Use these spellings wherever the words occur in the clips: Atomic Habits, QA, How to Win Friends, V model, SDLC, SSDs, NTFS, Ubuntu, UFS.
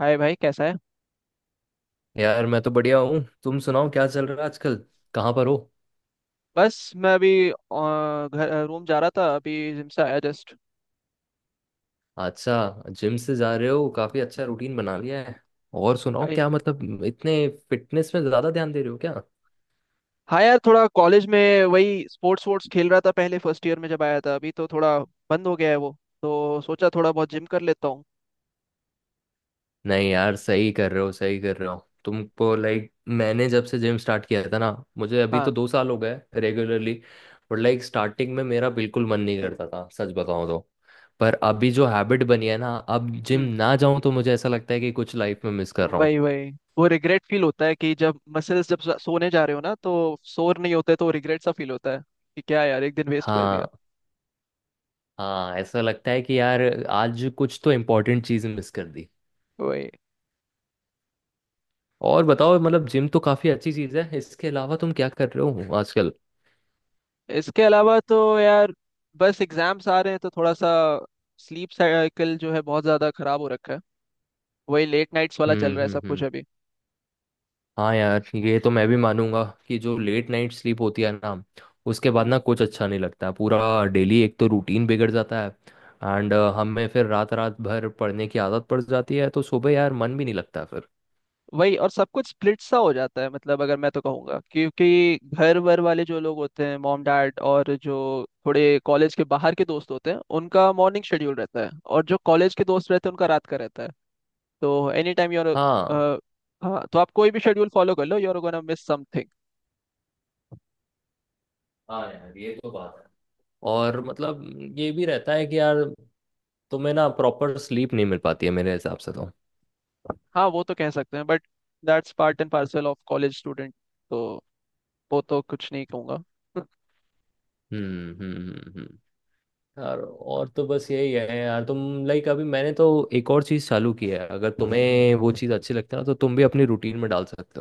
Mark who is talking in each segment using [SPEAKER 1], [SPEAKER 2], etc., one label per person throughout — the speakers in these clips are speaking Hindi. [SPEAKER 1] हाय भाई, कैसा है।
[SPEAKER 2] यार मैं तो बढ़िया हूँ। तुम सुनाओ, क्या चल रहा है आजकल? कहाँ पर हो?
[SPEAKER 1] बस मैं अभी घर रूम जा रहा था, अभी जिम से आया जस्ट।
[SPEAKER 2] अच्छा, जिम से जा रहे हो, काफी अच्छा रूटीन बना लिया है। और सुनाओ,
[SPEAKER 1] भाई,
[SPEAKER 2] क्या मतलब इतने फिटनेस में ज्यादा ध्यान दे रहे हो क्या?
[SPEAKER 1] हाँ यार, थोड़ा कॉलेज में वही स्पोर्ट्स वोर्ट्स खेल रहा था पहले फर्स्ट ईयर में जब आया था। अभी तो थोड़ा बंद हो गया है वो, तो सोचा थोड़ा बहुत जिम कर लेता हूँ।
[SPEAKER 2] नहीं यार, सही कर रहे हो, सही कर रहे हो। तुमको लाइक मैंने जब से जिम स्टार्ट किया था ना, मुझे अभी तो
[SPEAKER 1] हाँ।
[SPEAKER 2] 2 साल हो गए रेगुलरली। बट लाइक स्टार्टिंग में मेरा बिल्कुल मन नहीं करता था, सच बताऊं तो। पर अभी जो हैबिट बनी है ना, अब जिम
[SPEAKER 1] हम्म।
[SPEAKER 2] ना जाऊं तो मुझे ऐसा लगता है कि कुछ लाइफ में मिस कर रहा हूँ।
[SPEAKER 1] वही वही, वो रिग्रेट फील होता है कि जब मसल्स, जब सोने जा रहे हो ना तो सोर नहीं होते तो रिग्रेट सा फील होता है कि क्या यार, एक दिन वेस्ट कर दिया।
[SPEAKER 2] हाँ। हाँ, ऐसा लगता है कि यार आज कुछ तो इम्पोर्टेंट चीज़ मिस कर दी।
[SPEAKER 1] वही।
[SPEAKER 2] और बताओ, मतलब जिम तो काफ़ी अच्छी चीज़ है, इसके अलावा तुम क्या कर रहे हो आजकल?
[SPEAKER 1] इसके अलावा तो यार बस एग्जाम्स आ रहे हैं, तो थोड़ा सा स्लीप साइकिल जो है बहुत ज़्यादा खराब हो रखा है। वही लेट नाइट्स वाला चल
[SPEAKER 2] हम्म
[SPEAKER 1] रहा है
[SPEAKER 2] हम्म
[SPEAKER 1] सब कुछ
[SPEAKER 2] हम्म
[SPEAKER 1] अभी।
[SPEAKER 2] हाँ यार, ये तो मैं भी मानूंगा कि जो लेट नाइट स्लीप होती है ना, उसके बाद ना
[SPEAKER 1] हम्म।
[SPEAKER 2] कुछ अच्छा नहीं लगता, पूरा डेली एक तो रूटीन बिगड़ जाता है। एंड हमें फिर रात रात भर पढ़ने की आदत पड़ जाती है तो सुबह यार मन भी नहीं लगता फिर।
[SPEAKER 1] वही। और सब कुछ स्प्लिट सा हो जाता है। मतलब अगर मैं तो कहूँगा, क्योंकि घर वर वाले जो लोग होते हैं, मॉम डैड और जो थोड़े कॉलेज के बाहर के दोस्त होते हैं, उनका मॉर्निंग शेड्यूल रहता है, और जो कॉलेज के दोस्त रहते हैं उनका रात का रहता है। तो एनी टाइम योर।
[SPEAKER 2] हाँ।
[SPEAKER 1] हाँ तो आप कोई भी शेड्यूल फॉलो कर लो, you are gonna miss something.
[SPEAKER 2] हाँ यार, ये तो बात है। और मतलब ये भी रहता है कि यार तुम्हें ना प्रॉपर स्लीप नहीं मिल पाती है मेरे हिसाब से तो।
[SPEAKER 1] हाँ वो तो कह सकते हैं, but that's part and parcel of college student. तो वो तो कुछ नहीं कहूँगा।
[SPEAKER 2] हम्म हम्म हम्म, हम्म। यार और तो बस यही है यार। तुम लाइक अभी मैंने तो एक और चीज़ चालू की है, अगर तुम्हें वो चीज़ अच्छी लगती है ना तो तुम भी अपनी रूटीन में डाल सकते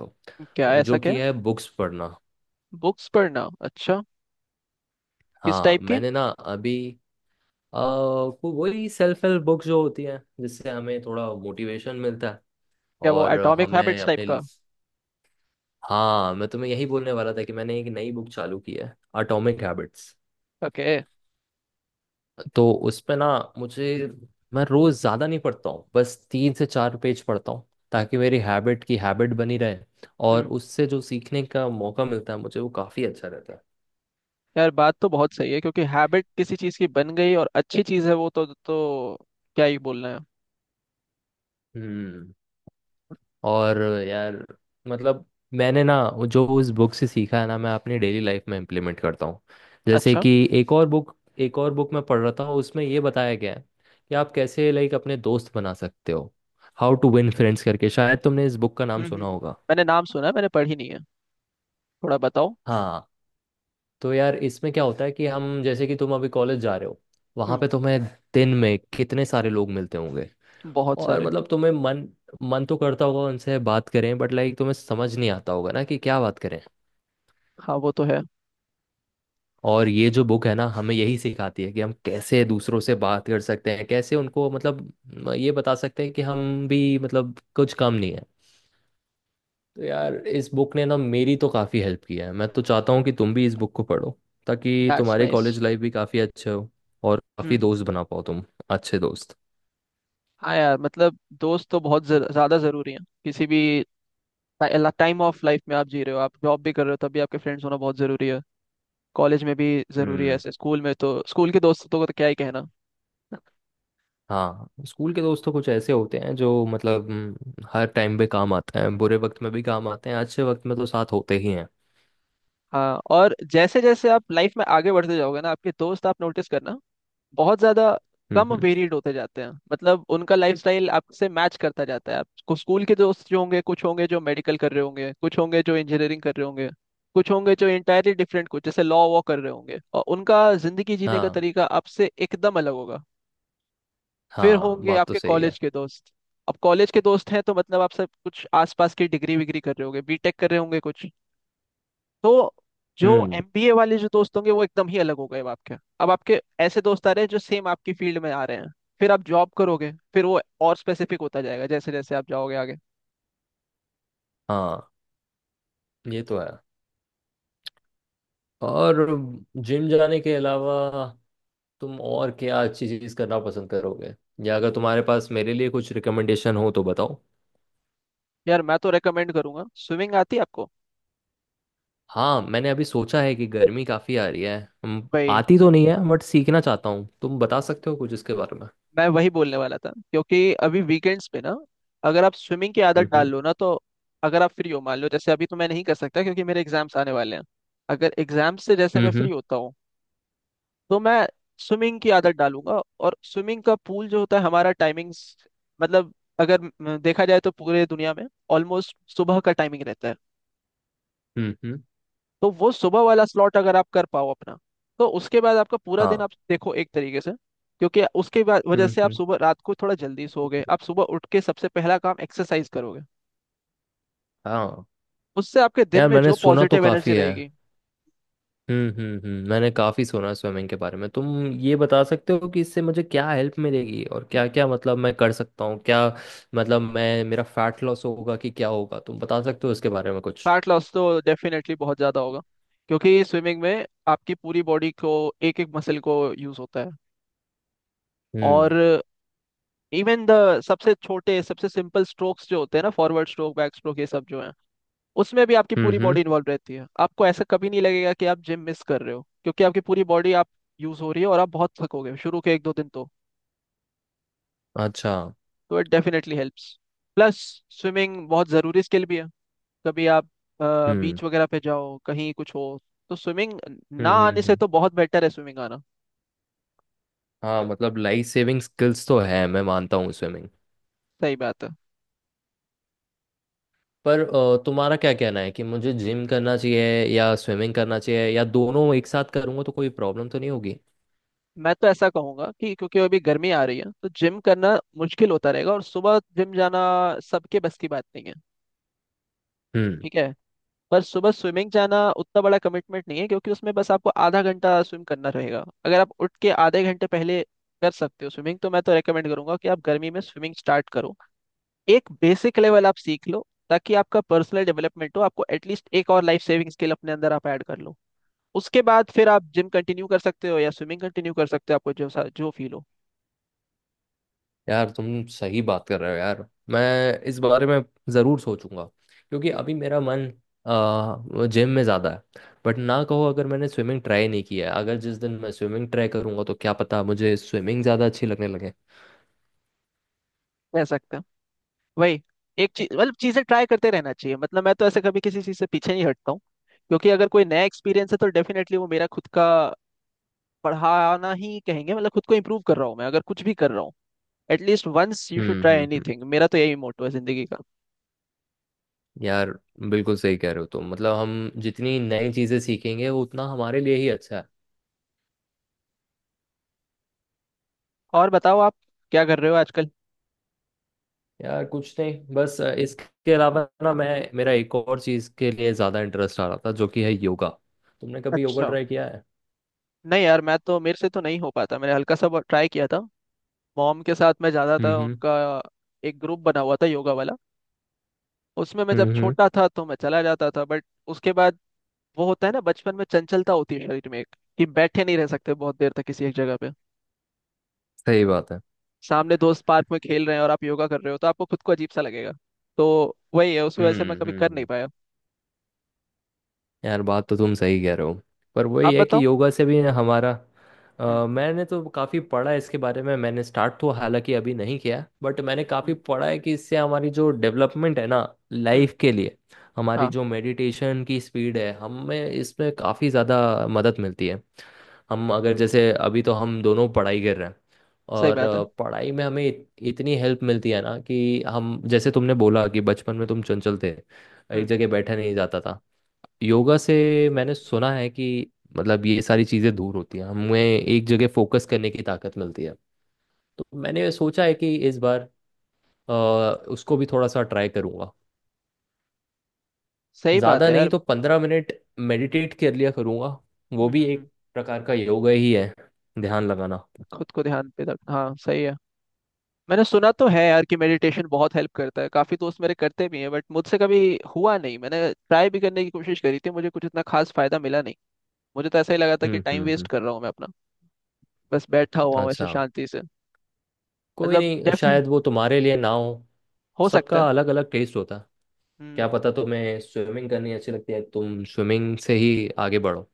[SPEAKER 1] क्या?
[SPEAKER 2] हो,
[SPEAKER 1] ऐसा
[SPEAKER 2] जो
[SPEAKER 1] क्या?
[SPEAKER 2] कि है बुक्स पढ़ना।
[SPEAKER 1] बुक्स पढ़ना? अच्छा। किस
[SPEAKER 2] हाँ,
[SPEAKER 1] टाइप की?
[SPEAKER 2] मैंने ना अभी वही सेल्फ हेल्प बुक्स जो होती हैं, जिससे हमें थोड़ा मोटिवेशन मिलता है।
[SPEAKER 1] क्या वो
[SPEAKER 2] और
[SPEAKER 1] एटॉमिक
[SPEAKER 2] हमें
[SPEAKER 1] हैबिट्स टाइप
[SPEAKER 2] अपने—
[SPEAKER 1] का?
[SPEAKER 2] हाँ, मैं तुम्हें यही बोलने वाला था कि मैंने एक नई बुक चालू की है, एटॉमिक हैबिट्स।
[SPEAKER 1] ओके।
[SPEAKER 2] तो उसमें ना, मुझे— मैं रोज ज्यादा नहीं पढ़ता हूँ, बस 3 से 4 पेज पढ़ता हूँ, ताकि मेरी हैबिट बनी रहे। और
[SPEAKER 1] हम्म।
[SPEAKER 2] उससे जो सीखने का मौका मिलता है मुझे, वो काफी अच्छा रहता है।
[SPEAKER 1] यार बात तो बहुत सही है, क्योंकि हैबिट किसी चीज़ की बन गई और अच्छी चीज़ है वो, तो क्या ही बोलना है।
[SPEAKER 2] हम्म। और यार, मतलब मैंने ना वो जो उस बुक से सीखा है ना, मैं अपनी डेली लाइफ में इम्प्लीमेंट करता हूँ। जैसे
[SPEAKER 1] अच्छा।
[SPEAKER 2] कि एक और बुक— मैं पढ़ रहा था, उसमें ये बताया गया है कि आप कैसे लाइक अपने दोस्त बना सकते हो। हाउ टू विन फ्रेंड्स करके, शायद तुमने इस बुक का नाम
[SPEAKER 1] हम्म।
[SPEAKER 2] सुना होगा।
[SPEAKER 1] मैंने नाम सुना है, मैंने पढ़ी नहीं है। थोड़ा बताओ।
[SPEAKER 2] हाँ। तो यार इसमें क्या होता है कि हम जैसे कि तुम अभी कॉलेज जा रहे हो, वहां
[SPEAKER 1] हम्म।
[SPEAKER 2] पे तुम्हें दिन में कितने सारे लोग मिलते होंगे।
[SPEAKER 1] बहुत
[SPEAKER 2] और
[SPEAKER 1] सारे।
[SPEAKER 2] मतलब तुम्हें मन— तो करता होगा उनसे बात करें, बट लाइक तुम्हें समझ नहीं आता होगा ना कि क्या बात करें।
[SPEAKER 1] हाँ वो तो है।
[SPEAKER 2] और ये जो बुक है ना, हमें यही सिखाती है कि हम कैसे दूसरों से बात कर सकते हैं, कैसे उनको मतलब ये बता सकते हैं कि हम भी मतलब कुछ कम नहीं है। तो यार, इस बुक ने ना मेरी तो काफ़ी हेल्प किया है। मैं तो चाहता हूँ कि तुम भी इस बुक को पढ़ो, ताकि
[SPEAKER 1] दैट्स
[SPEAKER 2] तुम्हारी
[SPEAKER 1] नाइस।
[SPEAKER 2] कॉलेज लाइफ भी काफ़ी अच्छे हो और काफ़ी
[SPEAKER 1] हम्म।
[SPEAKER 2] दोस्त बना पाओ तुम, अच्छे दोस्त।
[SPEAKER 1] हाँ यार, मतलब दोस्त तो बहुत ज्यादा जरूरी है। किसी भी टाइम ऑफ लाइफ में आप जी रहे हो, आप जॉब भी कर रहे हो, तभी आपके फ्रेंड्स होना बहुत जरूरी है। कॉलेज में भी जरूरी है
[SPEAKER 2] हम्म।
[SPEAKER 1] ऐसे, स्कूल में तो स्कूल के दोस्तों को तो क्या ही कहना।
[SPEAKER 2] हाँ, स्कूल के दोस्त तो कुछ ऐसे होते हैं जो मतलब हर टाइम पे काम आते हैं, बुरे वक्त में भी काम आते हैं, अच्छे वक्त में तो साथ होते ही हैं।
[SPEAKER 1] हाँ, और जैसे जैसे आप लाइफ में आगे बढ़ते जाओगे ना, आपके दोस्त, आप नोटिस करना, बहुत ज्यादा
[SPEAKER 2] हम्म
[SPEAKER 1] कम
[SPEAKER 2] हम्म,
[SPEAKER 1] वेरिएड होते जाते हैं। मतलब उनका लाइफस्टाइल आपसे मैच करता जाता है। आपको स्कूल के दोस्त जो होंगे, कुछ होंगे जो मेडिकल कर रहे होंगे, कुछ होंगे जो इंजीनियरिंग कर रहे होंगे, कुछ होंगे जो इंटायरली डिफरेंट, कुछ जैसे लॉ वॉ कर रहे होंगे, और उनका जिंदगी जीने का
[SPEAKER 2] हाँ।
[SPEAKER 1] तरीका आपसे एकदम अलग होगा। फिर
[SPEAKER 2] हाँ,
[SPEAKER 1] होंगे
[SPEAKER 2] बात तो
[SPEAKER 1] आपके
[SPEAKER 2] सही है।
[SPEAKER 1] कॉलेज के दोस्त। अब कॉलेज के दोस्त हैं तो मतलब आप सब कुछ आसपास की, डिग्री विग्री कर रहे होंगे, बीटेक कर रहे होंगे कुछ, तो जो
[SPEAKER 2] हम्म।
[SPEAKER 1] एमबीए वाले जो दोस्त होंगे वो एकदम ही अलग हो गए। अब आपके ऐसे दोस्त आ रहे हैं जो सेम आपकी फील्ड में आ रहे हैं। फिर आप जॉब करोगे, फिर वो और स्पेसिफिक होता जाएगा, जैसे जैसे आप जाओगे आगे।
[SPEAKER 2] हाँ, ये तो है। और जिम जाने के अलावा तुम और क्या अच्छी चीज करना पसंद करोगे? या अगर तुम्हारे पास मेरे लिए कुछ रिकमेंडेशन हो तो बताओ।
[SPEAKER 1] यार मैं तो रेकमेंड करूंगा स्विमिंग। आती है आपको?
[SPEAKER 2] हाँ, मैंने अभी सोचा है कि गर्मी काफी आ रही है। हम-
[SPEAKER 1] भाई,
[SPEAKER 2] आती तो नहीं है, बट सीखना चाहता हूँ, तुम बता सकते हो कुछ इसके बारे में?
[SPEAKER 1] मैं वही बोलने वाला था। क्योंकि अभी वीकेंड्स पे ना, अगर आप स्विमिंग की आदत
[SPEAKER 2] हम्म
[SPEAKER 1] डाल
[SPEAKER 2] हम्म
[SPEAKER 1] लो ना, तो अगर आप फ्री हो, मान लो जैसे अभी तो मैं नहीं कर सकता क्योंकि मेरे एग्जाम्स आने वाले हैं। अगर एग्जाम से जैसे
[SPEAKER 2] हम्म
[SPEAKER 1] मैं
[SPEAKER 2] हम्म
[SPEAKER 1] फ्री होता हूँ तो मैं स्विमिंग की आदत डालूंगा। और स्विमिंग का पूल जो होता है हमारा, टाइमिंग्स मतलब अगर देखा जाए तो पूरे दुनिया में ऑलमोस्ट सुबह का टाइमिंग रहता है।
[SPEAKER 2] हम्म, हम्म,
[SPEAKER 1] तो वो सुबह वाला स्लॉट अगर आप कर पाओ अपना, तो उसके बाद आपका पूरा दिन
[SPEAKER 2] हाँ।
[SPEAKER 1] आप देखो एक तरीके से। क्योंकि उसके बाद वजह
[SPEAKER 2] हम्म
[SPEAKER 1] से आप
[SPEAKER 2] हम्म
[SPEAKER 1] सुबह, रात को थोड़ा जल्दी सोओगे, आप सुबह उठ के सबसे पहला काम एक्सरसाइज करोगे,
[SPEAKER 2] हाँ।
[SPEAKER 1] उससे आपके दिन
[SPEAKER 2] यार
[SPEAKER 1] में
[SPEAKER 2] मैंने
[SPEAKER 1] जो
[SPEAKER 2] सुना तो
[SPEAKER 1] पॉजिटिव एनर्जी
[SPEAKER 2] काफी है।
[SPEAKER 1] रहेगी।
[SPEAKER 2] मैंने काफ़ी सुना स्विमिंग के बारे में, तुम ये बता सकते हो कि इससे मुझे क्या हेल्प मिलेगी और क्या क्या मतलब मैं कर सकता हूँ क्या? मतलब मैं मेरा फैट लॉस होगा कि क्या होगा, तुम बता सकते हो इसके बारे में कुछ?
[SPEAKER 1] फैट लॉस तो डेफिनेटली बहुत ज़्यादा होगा। क्योंकि स्विमिंग में आपकी पूरी बॉडी को, एक एक मसल को यूज़ होता है।
[SPEAKER 2] हम्म
[SPEAKER 1] और इवन द सबसे छोटे सबसे सिंपल स्ट्रोक्स जो होते हैं ना, फॉरवर्ड स्ट्रोक, बैक स्ट्रोक, ये सब जो है, उसमें भी आपकी
[SPEAKER 2] हम्म
[SPEAKER 1] पूरी
[SPEAKER 2] हम्म,
[SPEAKER 1] बॉडी इन्वॉल्व रहती है। आपको ऐसा कभी नहीं लगेगा कि आप जिम मिस कर रहे हो, क्योंकि आपकी पूरी बॉडी आप यूज हो रही है। और आप बहुत थकोगे शुरू के एक दो दिन तो
[SPEAKER 2] अच्छा।
[SPEAKER 1] तो it definitely helps. Plus, swimming बहुत ज़रूरी स्किल भी है। कभी आप
[SPEAKER 2] हम्म
[SPEAKER 1] बीच वगैरह पे जाओ, कहीं कुछ हो, तो स्विमिंग ना
[SPEAKER 2] हम्म हम्म
[SPEAKER 1] आने से
[SPEAKER 2] हम्म।
[SPEAKER 1] तो बहुत बेटर है स्विमिंग आना।
[SPEAKER 2] हाँ, मतलब लाइफ सेविंग स्किल्स तो है, मैं मानता हूँ, स्विमिंग।
[SPEAKER 1] सही बात है।
[SPEAKER 2] पर तुम्हारा क्या कहना है कि मुझे जिम करना चाहिए या स्विमिंग करना चाहिए, या दोनों एक साथ करूँगा तो कोई प्रॉब्लम तो नहीं होगी?
[SPEAKER 1] मैं तो ऐसा कहूंगा कि, क्योंकि अभी गर्मी आ रही है, तो जिम करना मुश्किल होता रहेगा और सुबह जिम जाना सबके बस की बात नहीं है। ठीक है, पर सुबह स्विमिंग जाना उतना बड़ा कमिटमेंट नहीं है, क्योंकि उसमें बस आपको आधा घंटा स्विम करना रहेगा। अगर आप उठ के आधे घंटे पहले कर सकते हो स्विमिंग, तो मैं तो रेकमेंड करूंगा कि आप गर्मी में स्विमिंग स्टार्ट करो। एक बेसिक लेवल आप सीख लो, ताकि आपका पर्सनल डेवलपमेंट हो। आपको एटलीस्ट एक और लाइफ सेविंग स्किल अपने अंदर आप ऐड कर लो। उसके बाद फिर आप जिम कंटिन्यू कर सकते हो या स्विमिंग कंटिन्यू कर सकते हो, आपको जो जो फील हो।
[SPEAKER 2] यार, तुम सही बात कर रहे हो यार। मैं इस बारे में ज़रूर सोचूंगा, क्योंकि अभी मेरा मन जिम में ज़्यादा है। बट ना कहो, अगर मैंने स्विमिंग ट्राई नहीं किया है, अगर जिस दिन मैं स्विमिंग ट्राई करूंगा तो क्या पता मुझे स्विमिंग ज़्यादा अच्छी लगने लगे।
[SPEAKER 1] कह सकते हैं। वही, एक चीज मतलब चीजें ट्राई करते रहना चाहिए। मतलब मैं तो ऐसे कभी किसी चीज से पीछे नहीं हटता हूँ। क्योंकि अगर कोई नया एक्सपीरियंस है, तो डेफिनेटली वो मेरा खुद का पढ़ाना ही कहेंगे। मतलब खुद को इम्प्रूव कर रहा हूँ मैं, अगर कुछ भी कर रहा हूँ। At least once you should
[SPEAKER 2] hmm
[SPEAKER 1] try
[SPEAKER 2] hmm hmm
[SPEAKER 1] anything, मेरा तो यही मोटो है जिंदगी का।
[SPEAKER 2] यार बिल्कुल सही कह रहे हो तुम, मतलब हम जितनी नई चीज़ें सीखेंगे वो उतना हमारे लिए ही अच्छा है।
[SPEAKER 1] और बताओ आप क्या कर रहे हो आजकल?
[SPEAKER 2] यार कुछ नहीं, बस इसके अलावा ना, मैं मेरा एक और चीज़ के लिए ज़्यादा इंटरेस्ट आ रहा था, जो कि है योगा। तुमने कभी योगा
[SPEAKER 1] अच्छा।
[SPEAKER 2] ट्राई किया है?
[SPEAKER 1] नहीं यार, मैं तो, मेरे से तो नहीं हो पाता। मैंने हल्का सा ट्राई किया था। मॉम के साथ मैं जाता था,
[SPEAKER 2] हम्म
[SPEAKER 1] उनका एक ग्रुप बना हुआ था योगा वाला। उसमें मैं जब
[SPEAKER 2] हम्म हम्म
[SPEAKER 1] छोटा था तो मैं चला जाता था, बट उसके बाद, वो होता है ना बचपन में चंचलता होती है शरीर में एक, कि बैठे नहीं रह सकते बहुत देर तक किसी एक जगह पे।
[SPEAKER 2] सही बात है।
[SPEAKER 1] सामने दोस्त पार्क में खेल रहे हैं और आप योगा कर रहे हो, तो आपको खुद को अजीब सा लगेगा। तो वही है, उसकी वजह से मैं
[SPEAKER 2] हम्म
[SPEAKER 1] कभी
[SPEAKER 2] हम्म
[SPEAKER 1] कर नहीं
[SPEAKER 2] हम्म,
[SPEAKER 1] पाया।
[SPEAKER 2] यार बात तो तुम सही कह रहे हो। पर वही
[SPEAKER 1] आप
[SPEAKER 2] है
[SPEAKER 1] बताओ।
[SPEAKER 2] कि योगा से भी हमारा—
[SPEAKER 1] हम्म।
[SPEAKER 2] मैंने तो काफ़ी पढ़ा है इसके बारे में। मैंने स्टार्ट तो हालांकि अभी नहीं किया, बट मैंने काफ़ी
[SPEAKER 1] हम्म।
[SPEAKER 2] पढ़ा है कि इससे हमारी जो डेवलपमेंट है ना
[SPEAKER 1] हम्म।
[SPEAKER 2] लाइफ के लिए, हमारी
[SPEAKER 1] हाँ
[SPEAKER 2] जो मेडिटेशन की स्पीड है, हमें इसमें काफ़ी ज़्यादा मदद मिलती है। हम अगर जैसे अभी तो हम दोनों पढ़ाई कर रहे हैं,
[SPEAKER 1] सही
[SPEAKER 2] और
[SPEAKER 1] बात है।
[SPEAKER 2] पढ़ाई में हमें इतनी हेल्प मिलती है ना कि हम जैसे तुमने बोला कि बचपन में तुम चंचल थे, एक
[SPEAKER 1] हम्म।
[SPEAKER 2] जगह बैठा नहीं जाता था। योगा से मैंने सुना है कि मतलब ये सारी चीज़ें दूर होती हैं, हमें एक जगह फोकस करने की ताकत मिलती है। तो मैंने सोचा है कि इस बार अ, उसको भी थोड़ा सा ट्राई करूँगा।
[SPEAKER 1] सही बात
[SPEAKER 2] ज़्यादा
[SPEAKER 1] है यार।
[SPEAKER 2] नहीं तो 15 मिनट मेडिटेट कर लिया करूँगा,
[SPEAKER 1] हम्म।
[SPEAKER 2] वो
[SPEAKER 1] हम्म।
[SPEAKER 2] भी एक प्रकार का योगा ही है, ध्यान लगाना।
[SPEAKER 1] खुद को ध्यान पे रख, हाँ सही है। मैंने सुना तो है यार कि मेडिटेशन बहुत हेल्प करता है, काफी दोस्त मेरे करते भी हैं, बट मुझसे कभी हुआ नहीं। मैंने ट्राई भी करने की कोशिश करी थी, मुझे कुछ इतना खास फायदा मिला नहीं। मुझे तो ऐसा ही लगा था कि
[SPEAKER 2] हम्म
[SPEAKER 1] टाइम
[SPEAKER 2] हम्म
[SPEAKER 1] वेस्ट
[SPEAKER 2] हम्म
[SPEAKER 1] कर रहा हूँ मैं अपना, बस बैठा हुआ हूँ ऐसे
[SPEAKER 2] अच्छा,
[SPEAKER 1] शांति से।
[SPEAKER 2] कोई
[SPEAKER 1] मतलब
[SPEAKER 2] नहीं,
[SPEAKER 1] डेफिनेट,
[SPEAKER 2] शायद वो तुम्हारे लिए ना हो।
[SPEAKER 1] हो सकता है।
[SPEAKER 2] सबका अलग अलग टेस्ट होता है।
[SPEAKER 1] हम्म।
[SPEAKER 2] क्या पता तुम्हें स्विमिंग करनी अच्छी लगती है, तुम स्विमिंग से ही आगे बढ़ो।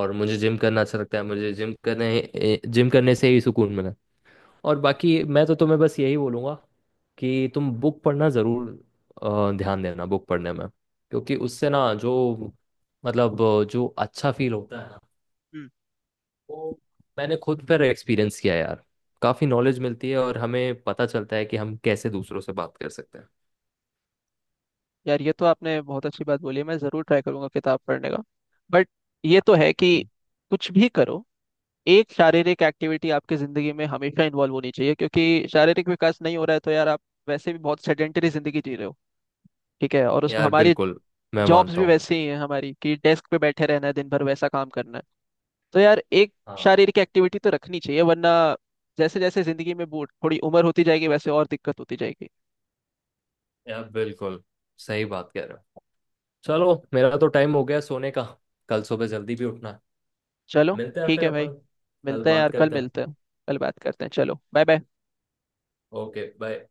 [SPEAKER 2] और मुझे जिम करना अच्छा लगता है, मुझे जिम करने से ही सुकून मिला। और बाकी मैं तो तुम्हें बस यही बोलूँगा कि तुम बुक पढ़ना ज़रूर। ध्यान देना बुक पढ़ने में, क्योंकि उससे ना जो मतलब जो अच्छा फील होता है ना, वो मैंने खुद पर एक्सपीरियंस किया है यार। काफ़ी नॉलेज मिलती है, और हमें पता चलता है कि हम कैसे दूसरों से बात कर सकते हैं।
[SPEAKER 1] यार ये तो आपने बहुत अच्छी बात बोली है, मैं जरूर ट्राई करूंगा किताब पढ़ने का। बट ये तो है कि कुछ भी करो, एक शारीरिक एक्टिविटी आपकी जिंदगी में हमेशा इन्वॉल्व होनी चाहिए, क्योंकि शारीरिक विकास नहीं हो रहा है तो यार आप वैसे भी बहुत सेडेंटरी जिंदगी जी रहे हो। ठीक है, और उसमें
[SPEAKER 2] यार
[SPEAKER 1] हमारी
[SPEAKER 2] बिल्कुल, मैं
[SPEAKER 1] जॉब्स
[SPEAKER 2] मानता
[SPEAKER 1] भी
[SPEAKER 2] हूँ।
[SPEAKER 1] वैसी ही हैं हमारी, कि डेस्क पे बैठे रहना है दिन भर, वैसा काम करना है। तो यार एक
[SPEAKER 2] हाँ
[SPEAKER 1] शारीरिक एक्टिविटी तो रखनी चाहिए, वरना जैसे जैसे जिंदगी में बूढ़ थोड़ी उम्र होती जाएगी वैसे और दिक्कत होती जाएगी।
[SPEAKER 2] यार, बिल्कुल सही बात कह रहे हो। चलो, मेरा तो टाइम हो गया सोने का, कल सुबह जल्दी भी उठना है।
[SPEAKER 1] चलो,
[SPEAKER 2] मिलते हैं
[SPEAKER 1] ठीक
[SPEAKER 2] फिर
[SPEAKER 1] है भाई।
[SPEAKER 2] अपन, कल
[SPEAKER 1] मिलते हैं
[SPEAKER 2] बात
[SPEAKER 1] यार, कल
[SPEAKER 2] करते हैं।
[SPEAKER 1] मिलते हैं। कल बात करते हैं। चलो बाय बाय।
[SPEAKER 2] Okay, bye.